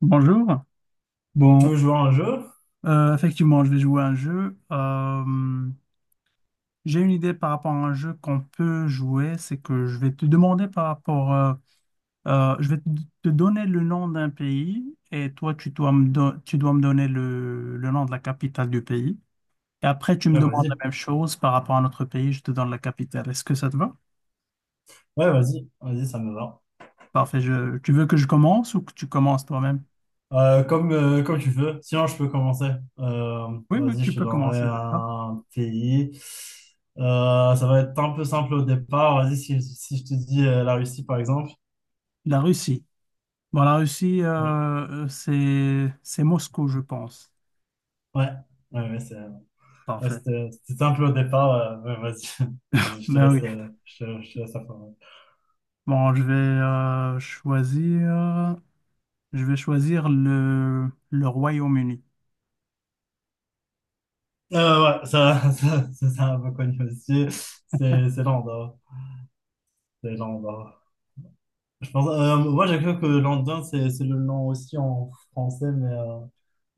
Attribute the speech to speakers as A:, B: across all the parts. A: Bonjour.
B: Tu veux
A: Bon,
B: jouer à un jeu?
A: effectivement, je vais jouer à un jeu. J'ai une idée par rapport à un jeu qu'on peut jouer. C'est que je vais te demander par rapport, je vais te donner le nom d'un pays et toi, tu dois tu dois me donner le nom de la capitale du pays. Et après, tu me
B: Ouais,
A: demandes la
B: vas-y.
A: même chose par rapport à notre pays. Je te donne la capitale. Est-ce que ça te va?
B: Ouais, vas-y. Vas-y, ça me va.
A: Parfait. Tu veux que je commence ou que tu commences toi-même?
B: Comme, comme tu veux. Sinon, je peux commencer. Euh,
A: Oui, oui,
B: vas-y,
A: tu
B: je te
A: peux
B: donnerai
A: commencer. D'accord.
B: un pays. Ça va être un peu simple au départ. Vas-y, si je te dis la Russie, par exemple.
A: La Russie. Bon, la Russie,
B: Oui.
A: c'est Moscou, je pense.
B: Ouais. Ouais, ouais, ouais,
A: Parfait.
B: c'était simple au départ. Ouais, vas-y. Vas-y, je te
A: Mais oui.
B: laisse, je te laisse la parole.
A: Bon, je vais choisir, je vais choisir le Royaume-Uni.
B: Ouais, ça, ça, c'est un peu connu aussi. C'est l'Andorre. C'est l'Andorre. Je pense, moi, j'ai cru que London, c'est le nom aussi en français, mais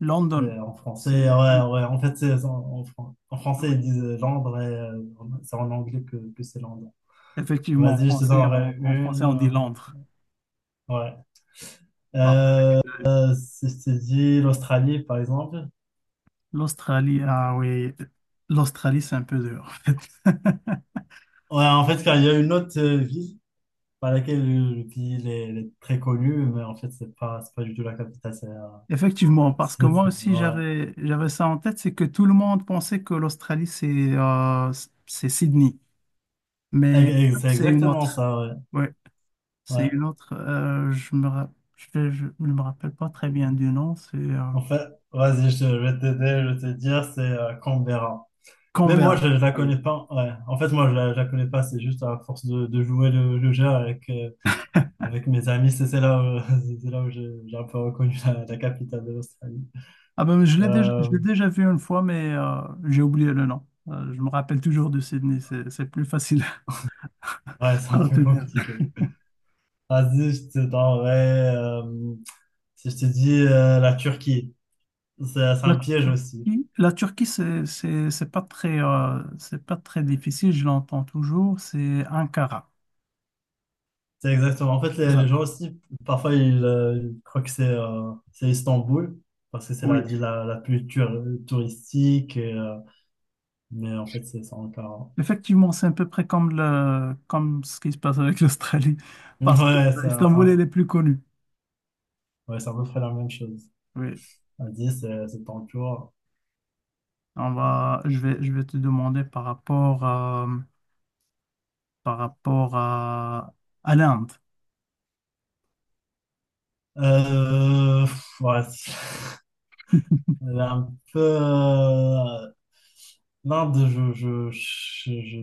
A: London.
B: c'est en français,
A: C'est
B: ouais, ouais. En fait, en français, ils
A: Oui.
B: disent Londres et c'est en anglais que c'est London.
A: Effectivement, en
B: Vas-y, je te
A: français,
B: donnerai
A: en français,
B: une.
A: on dit Londres.
B: Ouais.
A: Parfait.
B: Euh,
A: Avec, euh,
B: si je t'ai dit l'Australie, par exemple.
A: l'Australie, ah oui, l'Australie, c'est un peu dur, en fait.
B: Ouais, en fait, car il y a une autre ville par laquelle le pays il est très connu, mais en fait, c'est pas du tout la capitale. C'est
A: Effectivement, parce que
B: c'est-
A: moi
B: c'est-
A: aussi
B: ouais.
A: j'avais ça en tête, c'est que tout le monde pensait que l'Australie c'est Sydney. Mais en
B: Ex- ex-
A: fait,
B: c'est
A: c'est une
B: exactement
A: autre.
B: ça, ouais.
A: Ouais, c'est
B: Ouais.
A: une autre. Je ne me rappelle pas très bien du nom. C'est
B: En fait, vas-y, je vais t'aider, je vais te dire, c'est Canberra. Même moi,
A: Canberra.
B: je ne la
A: Ah oui.
B: connais pas. Ouais. En fait, moi, je la connais pas. C'est juste à force de jouer le jeu avec, avec mes amis. C'est là où, c'est là où j'ai un peu reconnu la capitale de l'Australie.
A: Ah ben, je
B: Euh,
A: l'ai déjà vu une fois, mais j'ai oublié le nom. Je me rappelle toujours de Sydney. C'est plus facile
B: ouais, c'est
A: à
B: un peu
A: retenir.
B: compliqué. Vas-y, je te donnerai. Si je te dis la Turquie, c'est un piège aussi.
A: La Turquie, c'est pas très difficile. Je l'entends toujours. C'est Ankara.
B: C'est exactement. En fait,
A: C'est ça.
B: les gens aussi, parfois, ils croient que c'est Istanbul, parce que c'est la ville la plus touristique, et, mais en fait, c'est encore...
A: Effectivement, c'est à peu près comme, comme ce qui se passe avec l'Australie, parce que
B: Ouais,
A: Istanbul, elle est plus connue.
B: ouais, c'est à peu près la même chose.
A: Oui.
B: À 10, c'est toujours...
A: On va, je vais te demander par rapport à, par rapport à, à l'Inde.
B: Ouais, elle est un peu... L'Inde, je... Je, je, je,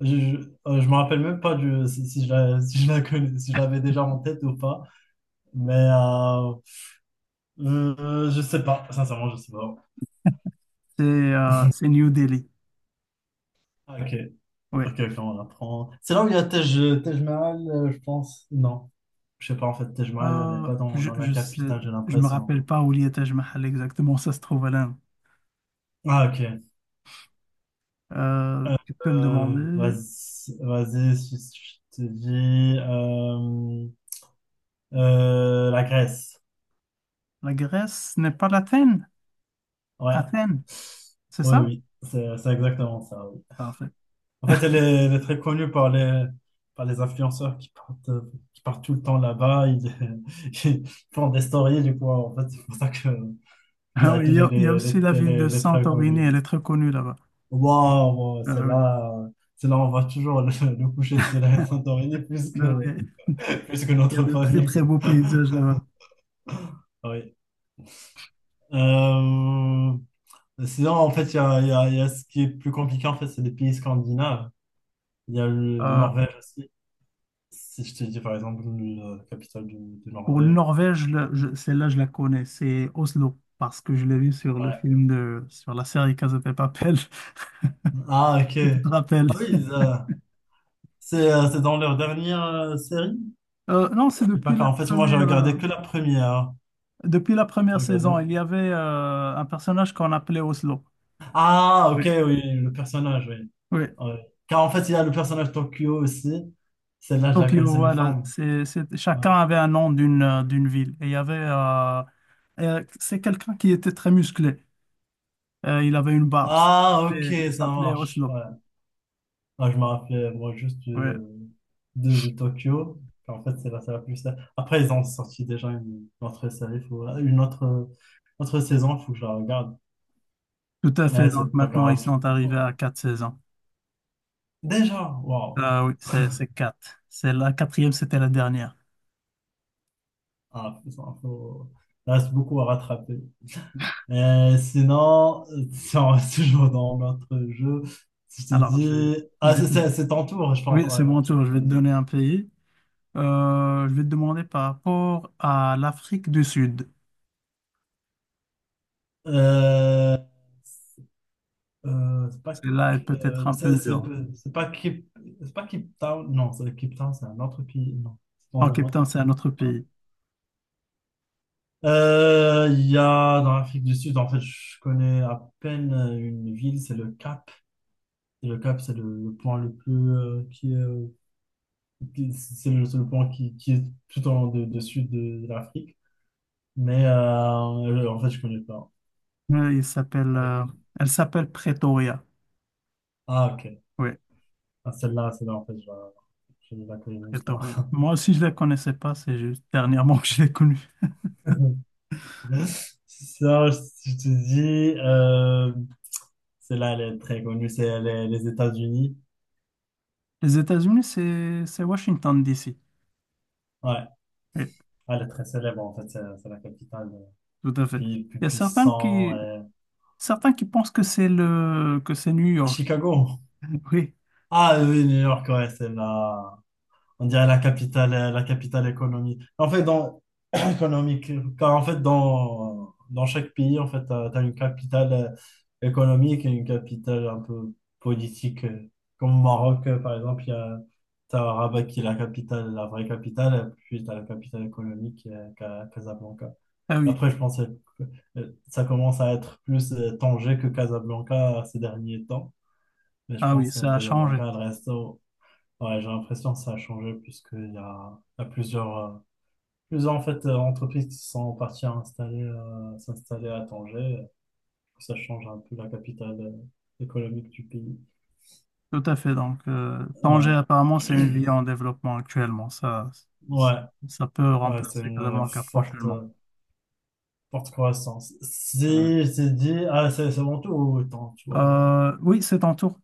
B: je, je, euh, je me rappelle même pas si je si je si je l'avais déjà en tête ou pas. Mais je sais pas, sincèrement, je sais pas.
A: C'est New Delhi.
B: Ah, ok,
A: Oui.
B: ok, ok, on apprend. C'est là où il y a Tej Mahal, je pense. Non, je sais pas, en fait, Tej Mahal n'est
A: Euh,
B: pas dans la
A: je sais,
B: capitale, j'ai
A: je me
B: l'impression.
A: rappelle pas où il y a Taj Mahal exactement, ça se trouve à l'Inde.
B: Ah, ok. Euh,
A: Tu peux me
B: euh,
A: demander,
B: vas-y, vas-y, si je te dis la Grèce.
A: la Grèce n'est pas l'Athènes?
B: Ouais,
A: Athènes, c'est
B: oui,
A: ça?
B: oui, c'est exactement ça. Ouais.
A: Parfait.
B: En fait, elle est très connue par par les influenceurs qui partent tout le temps là-bas. Ils, ils font des stories, du coup. En fait, c'est pour ça que
A: Ah
B: la
A: oui,
B: ville,
A: il y a aussi la ville de
B: elle est très
A: Santorini,
B: connue.
A: elle est très connue là-bas.
B: Waouh, waouh,
A: Ah oui.
B: c'est là, on voit toujours le coucher de soleil à Santorini
A: Non, mais
B: plus que
A: il y a
B: notre
A: de très
B: famille,
A: très
B: quoi.
A: beaux paysages là-bas.
B: Ah oui. Sinon, en fait, il y a ce qui est plus compliqué, en fait, c'est les pays scandinaves. Il y a le
A: Euh,
B: Norvège aussi. Si je te dis par exemple la capitale de
A: pour le
B: Norvège.
A: Norvège, là, celle-là, je la connais, c'est Oslo, parce que je l'ai vu sur le
B: Ouais.
A: film de, sur la série Casa de Papel,
B: Ah, ok.
A: si tu te rappelles.
B: Ah oui, c'est dans leur dernière série?
A: Non, c'est
B: Je sais pas car en fait, moi, j'ai regardé que la première. Hein.
A: depuis la
B: J'ai
A: première saison,
B: regardé...
A: il y avait un personnage qu'on appelait Oslo.
B: Ah, ok,
A: Oui.
B: oui, le personnage, oui.
A: Oui.
B: Ouais. Car en fait, il y a le personnage Tokyo aussi. Celle-là, je la
A: Tokyo,
B: connaissais une
A: voilà.
B: femme. Ouais.
A: Chacun avait un nom d'une d'une ville. Et il y avait, c'est quelqu'un qui était très musclé. Il avait une barbe. Il
B: Ah, ok,
A: s'appelait il
B: ça
A: s'appelait
B: marche.
A: Oslo.
B: Ouais. Ah, je me rappelais, moi, juste
A: Oui,
B: de Tokyo. En fait, c'est la série la plus... Après, ils ont sorti déjà une autre série, autre saison, il faut que je la regarde.
A: tout à fait.
B: Ouais,
A: Donc
B: c'est pas
A: maintenant, ils
B: grave.
A: sont
B: Oh,
A: arrivés à quatre saisons.
B: déjà, waouh!
A: Ah oui, c'est quatre. C'est la quatrième, c'était la dernière.
B: Ah, il reste beaucoup à rattraper. Et sinon, si on reste toujours dans notre jeu, si je te
A: Alors,
B: dis...
A: je
B: Ah,
A: vais, te-
B: c'est ton tour, je pense.
A: oui,
B: Ouais,
A: c'est mon
B: ok,
A: tour. Je vais te
B: vas-y.
A: donner un pays. Je vais te demander par rapport à l'Afrique du Sud.
B: Euh, Euh, c'est pas,
A: Celle-là est peut-être
B: euh,
A: un
B: c'est
A: peu
B: c'est-
A: dure.
B: c'est pas Cape, c'est pas Cape Town, non, c'est Cape Town, c'est un autre pays, non, c'est
A: En
B: dans un
A: Cape
B: autre.
A: Town, c'est un autre pays.
B: Il y a dans l'Afrique du Sud, en fait, je connais à peine une ville, c'est le Cap. Et le Cap, c'est le point le plus c'est le point qui est tout en de sud de l'Afrique. Mais en fait, je connais pas.
A: Oui, il s'appelle,
B: Avec-
A: elle s'appelle Pretoria.
B: Ah, ok.
A: Oui,
B: Ah, celle-là, en fait, je ne la connais même pas.
A: Pretoria. Moi aussi, je ne la connaissais pas. C'est juste dernièrement que je l'ai connue.
B: Ça, je te dis, celle-là, elle est très connue, c'est les États-Unis.
A: Les États-Unis, c'est Washington, D.C.
B: Ouais,
A: Oui.
B: elle est très célèbre, en fait, c'est la capitale,
A: Tout à fait.
B: pays le plus
A: Il y a
B: puissant.
A: certains qui pensent que que c'est New York.
B: Chicago.
A: Oui,
B: Ah oui, New York, ouais, on dirait la capitale économique. En fait, économique. Car en fait, dans chaque pays, en fait, une capitale économique et une capitale un peu politique. Comme au Maroc, par exemple, il y a t'as Rabat qui est la capitale, la vraie capitale, et puis tu as la capitale économique qui est Casablanca.
A: ah oui,
B: Après, je pensais que ça commence à être plus Tanger que Casablanca ces derniers temps. Mais je
A: ah oui,
B: pense que
A: ça a changé.
B: Casablanca, elle reste au- Ouais, j'ai l'impression que ça a changé puisqu'il y a plusieurs entreprises qui sont parties à installer, s'installer à Tanger. Ça change un peu la capitale économique du pays.
A: Tout à fait. Donc, Tanger,
B: Ouais,
A: apparemment, c'est une ville en développement actuellement. Ça,
B: ouais,
A: ça peut
B: ouais, c'est
A: remplacer
B: une
A: Casablanca
B: forte,
A: prochainement.
B: euh, forte croissance.
A: Ouais, ouais.
B: Si je t'ai dit, ah, c'est mon tour, ou attends, tu vois.
A: Oui, c'est en tour.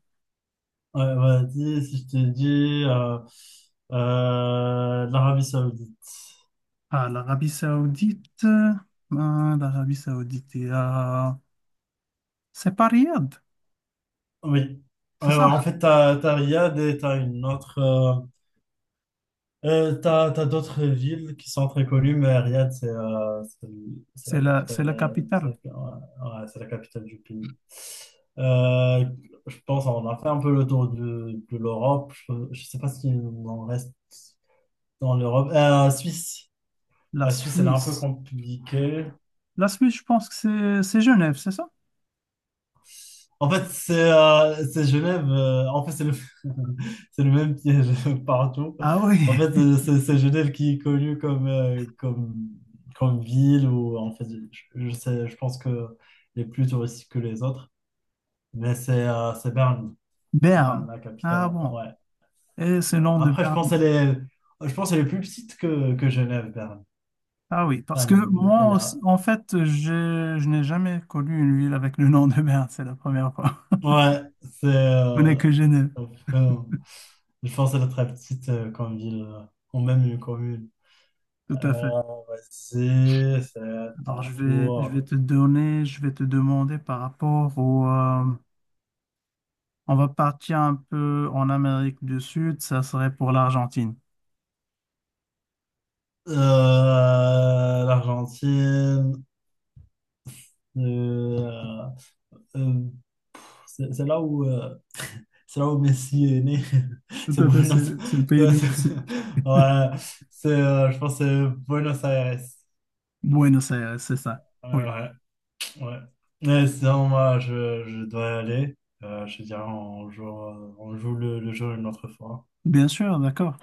B: Ouais, vas-y, si je t'ai dit, l'Arabie Saoudite.
A: Ah, l'Arabie Saoudite. l'Arabie Saoudite est à- C'est pas Riyad,
B: Oui.
A: c'est
B: Euh,
A: ça.
B: en fait, t'as Riyad et t'as une autre. T'as d'autres villes qui sont très connues, mais Riyad, c'est la
A: C'est
B: capitale,
A: la capitale,
B: ouais, ouais, c'est la capitale du pays. Euh, je pense qu'on a fait un peu le tour de l'Europe. Je sais pas s'il en reste dans l'Europe. Suisse.
A: la
B: La Suisse, elle est un peu
A: Suisse.
B: compliquée.
A: La Suisse, je pense que c'est Genève, c'est ça?
B: En fait, c'est Genève. En fait, c'est le même piège partout.
A: Ah oui,
B: En fait, c'est Genève qui est connue comme ville où, en fait, je sais, je pense que elle est plus touristique que les autres. Mais c'est Berne. C'est Berne,
A: Berne.
B: la capitale.
A: Ah
B: En fait.
A: bon.
B: Ouais,
A: Et ce
B: Berne.
A: nom de
B: Après,
A: Berne.
B: je pense qu'elle est plus petite que Genève, Berne.
A: Ah oui, parce que
B: Berne, elle a...
A: en fait, je n'ai jamais connu une ville avec le nom de Berne. C'est la première fois.
B: Ouais, c'est...
A: Je connais que Genève.
B: enfin, je pense qu'elle est très petite comme ville, ou même une commune.
A: Tout à fait.
B: Euh, vas-y, c'est
A: Alors,
B: ton
A: je vais
B: tour.
A: te donner, je vais te demander par rapport au... on va partir un peu en Amérique du Sud. Ça serait pour l'Argentine.
B: Euh, l'Argentine, euh, euh, c'est c'est là où, euh, c'est là où Messi est né.
A: Tout
B: C'est
A: à fait, c'est
B: Buenos
A: c'est le pays
B: c'est-
A: du
B: c'est-
A: Mexique.
B: Ouais, je pense que c'est Buenos Aires.
A: Buenos Aires, c'est ça.
B: Ouais,
A: Oui.
B: ouais, ouais. Mais sinon, moi, je dois y aller. Je te dirais, on joue le jeu une autre fois.
A: Bien sûr, d'accord.